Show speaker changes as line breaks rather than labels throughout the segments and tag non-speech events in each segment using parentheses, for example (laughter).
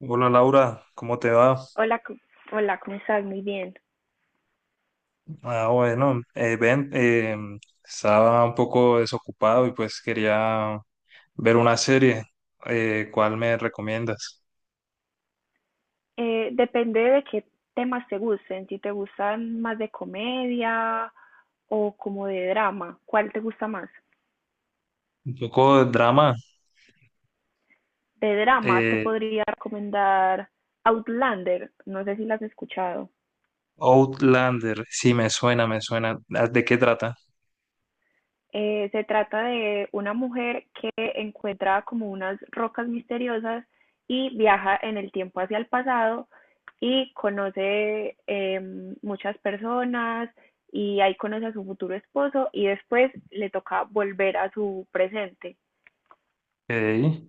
Hola Laura, ¿cómo te va?
Hola, hola, ¿cómo estás? Muy bien.
Ah, bueno, Ben, estaba un poco desocupado y pues quería ver una serie. ¿Cuál me recomiendas?
Depende de qué temas te gusten, si te gustan más de comedia o como de drama, ¿cuál te gusta más?
Un poco de drama.
De drama te
eh,
podría recomendar Outlander, no sé si la has escuchado.
Outlander, sí, me suena, me suena. Ah, ¿de qué trata?
Se trata de una mujer que encuentra como unas rocas misteriosas y viaja en el tiempo hacia el pasado y conoce muchas personas y ahí conoce a su futuro esposo y después le toca volver a su presente.
Ok.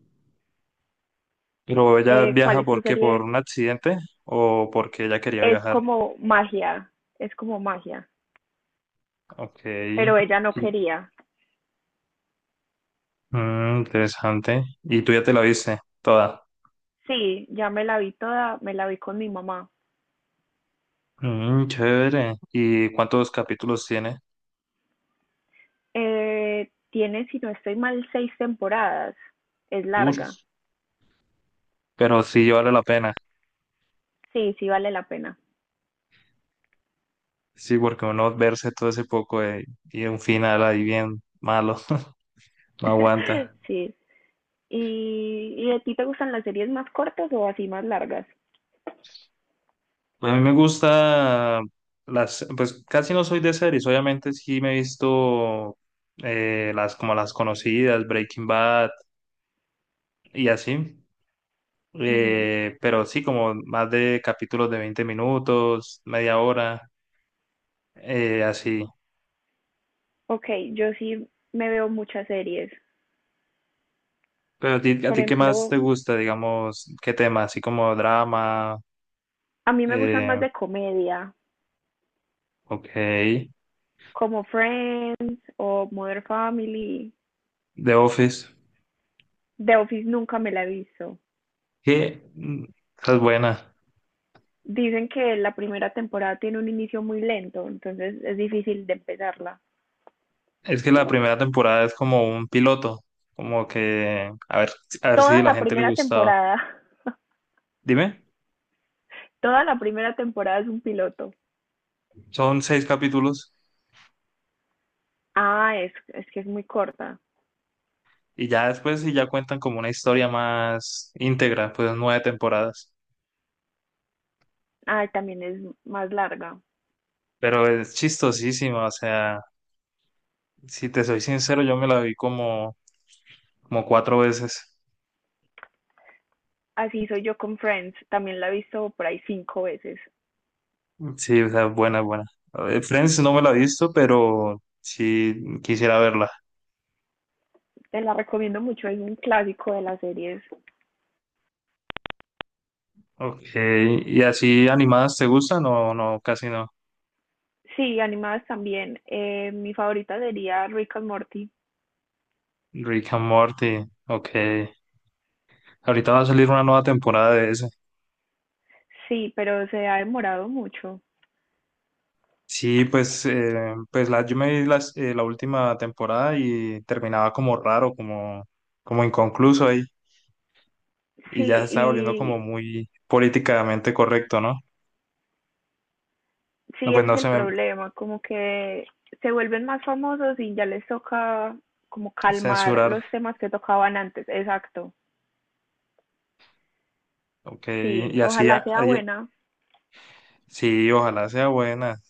Pero ella
¿Cuál
viaja,
es su
¿por qué? ¿Por
serie?
un accidente o porque ella quería
Es
viajar?
como magia, es como magia,
Ok.
pero ella no
Y-
quería.
Interesante. ¿Y tú ya te la viste toda?
Sí, ya me la vi toda, me la vi con mi mamá.
Chévere. ¿Y cuántos capítulos tiene?
Tiene, si no estoy mal, seis temporadas. Es
Uff,
larga.
pero sí vale la pena.
Sí, sí vale la pena.
Sí, porque uno verse todo ese poco y un final ahí bien malo, (laughs) no
(laughs)
aguanta.
Sí. ¿Y, a ti te gustan las series más cortas o así más largas?
A mí me gusta las, pues casi no soy de series, obviamente sí me he visto las como las conocidas, Breaking Bad y así.
Ujú.
Pero sí como más de capítulos de 20 minutos, media hora, así.
Ok, yo sí me veo muchas series.
Pero a ti, a
Por
ti, ¿qué más
ejemplo,
te gusta, digamos, qué tema? Así como drama,
a mí me gustan más
eh,
de comedia,
ok,
como Friends o Modern Family.
The Office,
The Office nunca me la he visto.
que esa es buena.
Dicen que la primera temporada tiene un inicio muy lento, entonces es difícil de empezarla.
Es que la primera temporada es como un piloto, como que a ver si
Toda
a la
la
gente le
primera
gustaba.
temporada, (laughs)
Dime,
toda la primera temporada es un piloto.
son seis capítulos
Ah, es que es muy corta.
y ya después sí ya cuentan como una historia más íntegra, pues nueve temporadas.
Ah, también es más larga.
Pero es chistosísimo, o sea, si te soy sincero, yo me la vi como, cuatro veces.
Así soy yo con Friends. También la he visto por ahí cinco veces.
Sí, o sea, buena, buena. A ver, Friends no me la he visto, pero sí quisiera verla.
Te la recomiendo mucho. Es un clásico de las series.
Ok, ¿y así animadas te gustan? No, no, casi no.
Sí, animadas también. Mi favorita sería Rick and Morty.
Rick and Morty, ok. Ahorita va a salir una nueva temporada de ese.
Sí, pero se ha demorado mucho.
Sí, pues yo me vi la última temporada y terminaba como raro, como, inconcluso ahí. Y ya se
Sí,
estaba volviendo como
y
muy políticamente correcto, ¿no? No,
sí,
pues
ese es
no
el
se me
problema, como que se vuelven más famosos y ya les toca como calmar
censurar.
los temas que tocaban antes. Exacto.
Ok,
Sí,
y así.
ojalá sea buena.
Sí, ojalá sea buena.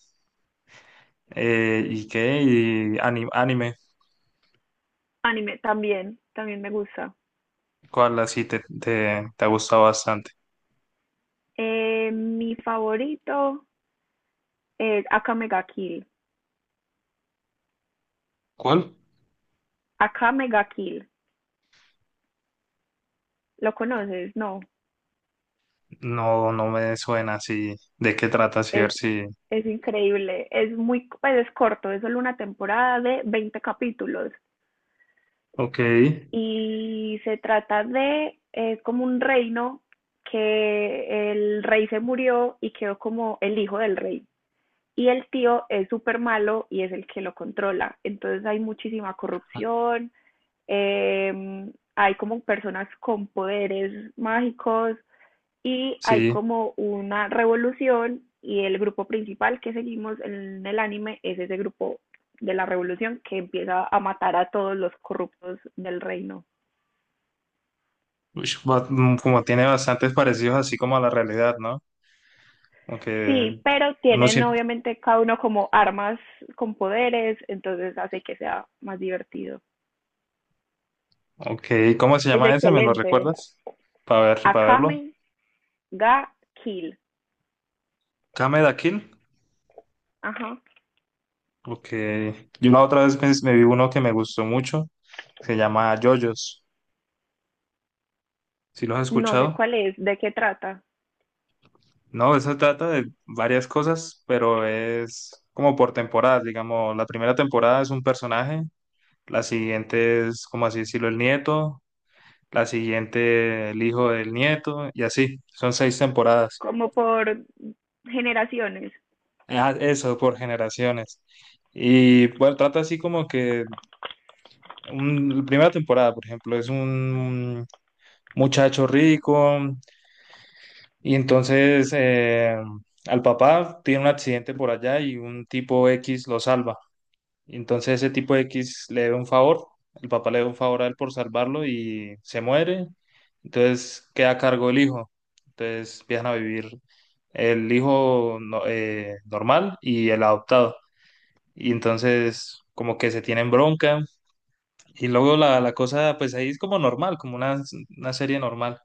¿Y qué? Y anime,
Anime también, también me gusta.
¿cuál así te ha gustado bastante?
Mi favorito es Akame ga Kill.
¿Cuál?
Akame ga Kill. ¿Lo conoces? No.
No, no me suena así. ¿De qué trata, sí? a ver
Es,
si-
es increíble. Pues es corto, es solo una temporada de 20 capítulos.
Ok,
Y se trata de, es como un reino que el rey se murió y quedó como el hijo del rey. Y el tío es súper malo y es el que lo controla. Entonces hay muchísima corrupción, eh, hay como personas con poderes mágicos y hay
sí.
como una revolución y el grupo principal que seguimos en el anime es ese grupo de la revolución que empieza a matar a todos los corruptos del reino.
Ush, como tiene bastantes parecidos así como a la realidad, ¿no? Aunque
Sí, pero
uno
tienen
siempre...
obviamente cada uno como armas con poderes, entonces hace que sea más divertido.
Ok, ¿cómo se
Es
llama ese? ¿Me lo
excelente.
recuerdas? Para verlo.
Akame ga Kill.
Kameda Kill.
Ajá.
Ok. Yo la otra vez me vi uno que me gustó mucho. Se llama JoJo's. ¿Sí lo has
No sé
escuchado?
cuál es, de qué trata.
No, eso trata de varias cosas, pero es como por temporadas, digamos, la primera temporada es un personaje, la siguiente es, como así decirlo, el nieto, la siguiente el hijo del nieto, y así, son seis temporadas.
Como por generaciones
Ah, eso, por generaciones. Y bueno, trata así como que la primera temporada, por ejemplo, es un muchacho rico y entonces al papá tiene un accidente por allá y un tipo X lo salva. Y entonces ese tipo de X le debe un favor, el papá le debe un favor a él por salvarlo y se muere, entonces queda a cargo el hijo, entonces empiezan a vivir el hijo normal y el adoptado, y entonces como que se tienen bronca, y luego la cosa pues ahí es como normal, como una serie normal,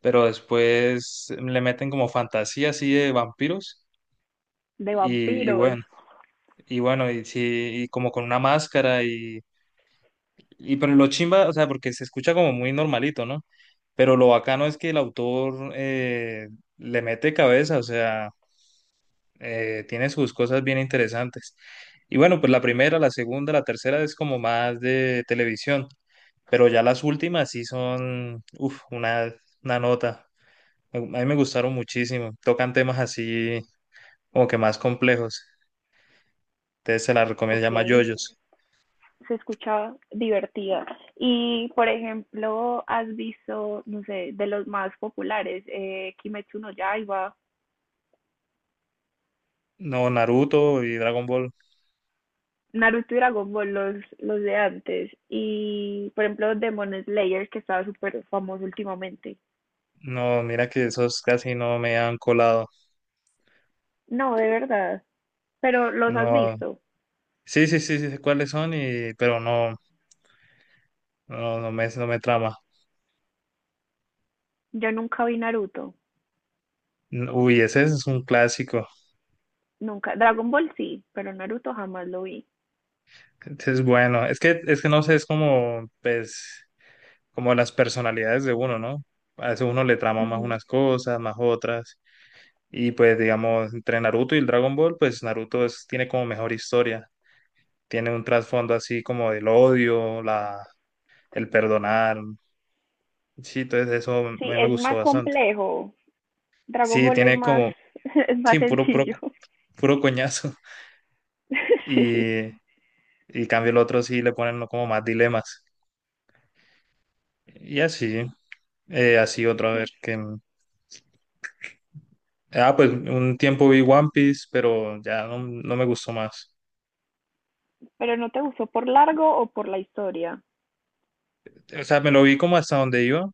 pero después le meten como fantasía así de vampiros,
de
y
vampiros.
bueno, y bueno, y sí, y como con una máscara y... Y pero lo chimba, o sea, porque se escucha como muy normalito, ¿no? Pero lo bacano es que el autor le mete cabeza, o sea, tiene sus cosas bien interesantes. Y bueno, pues la primera, la segunda, la tercera es como más de televisión, pero ya las últimas sí son, uff, una nota. A mí me gustaron muchísimo. Tocan temas así como que más complejos. Entonces se la recomiendo, se
Ok,
llama JoJo's.
se escucha divertida. Y, por ejemplo, has visto, no sé, de los más populares, Kimetsu no Yaiba,
No, Naruto y Dragon Ball.
Naruto y Dragon Ball, los de antes, y por ejemplo Demon Slayer, que estaba súper famoso últimamente.
No, mira que esos casi no me han colado.
No, de verdad, pero los has
No,
visto.
sí, sí, sí, sí sé cuáles son, y pero no, no, no me trama.
Yo nunca vi Naruto,
Uy, ese es un clásico.
nunca. Dragon Ball sí, pero Naruto jamás lo vi.
Ese es bueno. Es que no sé, es como, pues, como las personalidades de uno, ¿no? A veces uno le trama más
Ujú.
unas cosas, más otras. Y pues, digamos, entre Naruto y el Dragon Ball, pues Naruto tiene como mejor historia. Tiene un trasfondo así como del odio, el perdonar. Sí, entonces eso a
Sí,
mí me
es
gustó
más
bastante.
complejo. Dragon
Sí,
Ball es
tiene
más,
como,
(laughs) es
sí,
más
puro, puro,
sencillo.
puro coñazo. (laughs)
(laughs) Sí,
Y, y cambio el otro sí le ponen como más dilemas. Y así, así otra
sí,
vez que... Ah, pues un tiempo vi One Piece, pero ya no, no me gustó más.
pero ¿no te gustó por largo o por la historia?
O sea, me lo vi como hasta donde iba,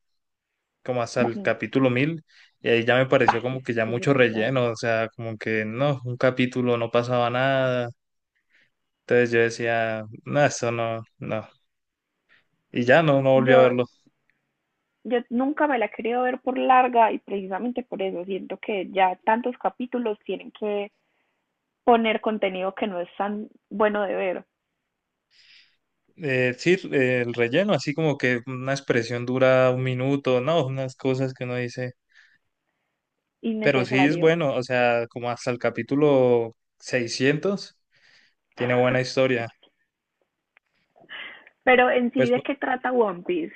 como hasta el
Ujú.
capítulo 1000 y ahí ya me
Ah,
pareció
sí,
como que ya
sí, es
mucho
demasiado.
relleno, o sea, como que no, un capítulo no pasaba nada. Entonces yo decía, no, eso no, no. Y ya no, no volví a
Yo,
verlo.
yo nunca me la he querido ver por larga y precisamente por eso siento que ya tantos capítulos tienen que poner contenido que no es tan bueno de ver,
Sí, el relleno, así como que una expresión dura 1 minuto, no, unas cosas que uno dice. Pero sí es
innecesario.
bueno, o sea, como hasta el capítulo 600 tiene buena
(laughs)
historia.
Pero en sí,
Pues
¿de qué trata One Piece?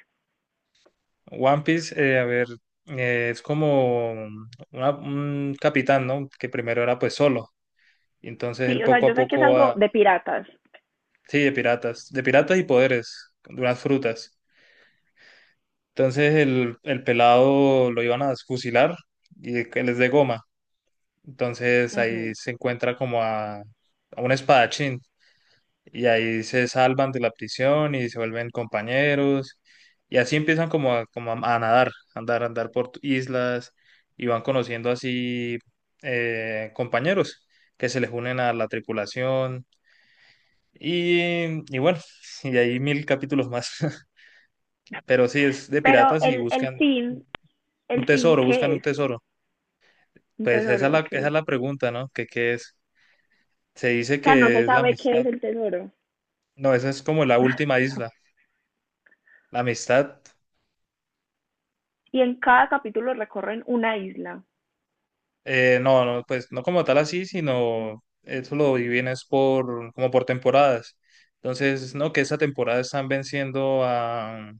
One Piece, a ver, es como un capitán, ¿no? Que primero era pues solo. Y entonces él
Sí, o sea,
poco a
yo sé que es
poco
algo
va,
de piratas,
sí, de piratas y poderes, de unas frutas. Entonces el pelado lo iban a fusilar y que él es de goma. Entonces ahí
ujú,
se encuentra como a un espadachín y ahí se salvan de la prisión y se vuelven compañeros y así empiezan como a, como a nadar, a andar por islas y van conociendo así compañeros que se les unen a la tripulación y bueno, (laughs) y hay 1000 capítulos más, (laughs) pero sí es de
pero
piratas y
el
buscan
fin,
un
el fin,
tesoro, buscan
¿qué
un
es?
tesoro.
Un
Pues esa es
tesoro,
la, esa es
ok.
la pregunta, ¿no? ¿Qué es? Se dice
O sea, no
que
se
es la
sabe qué es
amistad.
el tesoro.
No, esa es como la
(laughs)
última isla. La amistad,
Y en cada capítulo recorren una isla.
no, no, pues no como tal así, sino eso lo dividen es por, como por temporadas. Entonces, no, que esa temporada están venciendo a,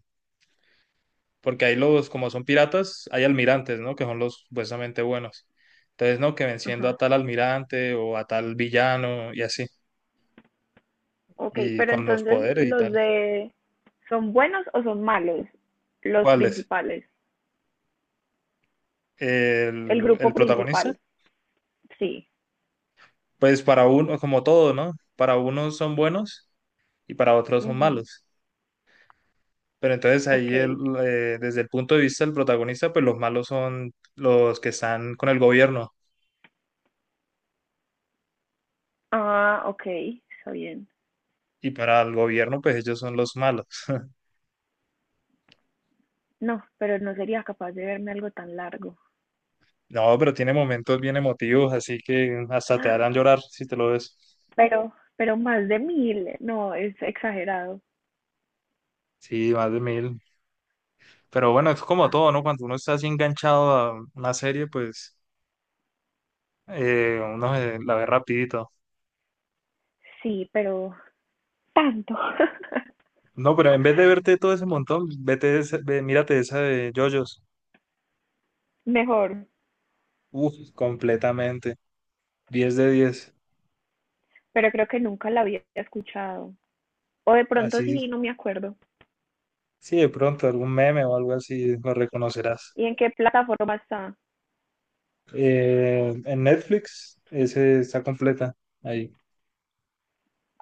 porque ahí los, como son piratas, hay almirantes, ¿no? Que son los supuestamente buenos. Entonces, no, que venciendo a
Ajá.
tal almirante o a tal villano y así,
Ok,
y
pero
con los
entonces
poderes y
los
tal.
de son buenos o son malos, los
Cuáles.
principales, el
¿El,
grupo
el protagonista?
principal, sí.
Pues para uno, como todo, ¿no? Para unos son buenos y para otros son
Ujú,
malos. Pero entonces
ok,
ahí desde el punto de vista del protagonista, pues los malos son los que están con el gobierno,
ah, ok, está bien.
y para el gobierno, pues ellos son los malos. (laughs)
No, pero no sería capaz de verme algo tan largo.
No, pero tiene momentos bien emotivos, así que
(gasps)
hasta te harán
Ah,
llorar si te lo ves.
pero más de mil, no, es exagerado.
Sí, más de 1000. Pero bueno, es como todo, ¿no? Cuando uno está así enganchado a una serie, pues uno se la ve rapidito.
Sí, pero tanto. (laughs)
No, pero en vez de verte todo ese montón, mírate esa de JoJo's.
Mejor,
Uf, completamente. 10 de 10.
pero creo que nunca la había escuchado. O de pronto
Así,
sí, no me acuerdo.
sí, de pronto algún meme o algo así lo reconocerás.
¿Y en qué plataforma está?
En Netflix, ese está completa ahí.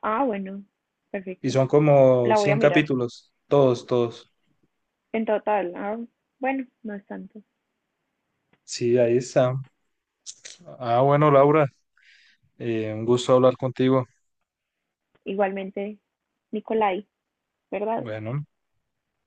Ah, bueno,
Y
perfecto.
son como
La voy a
100
mirar.
capítulos, todos, todos.
En total, ah, bueno, no es tanto.
Sí, ahí está. Ah, bueno, Laura, un gusto hablar contigo.
Igualmente, Nicolai, ¿verdad?
Bueno.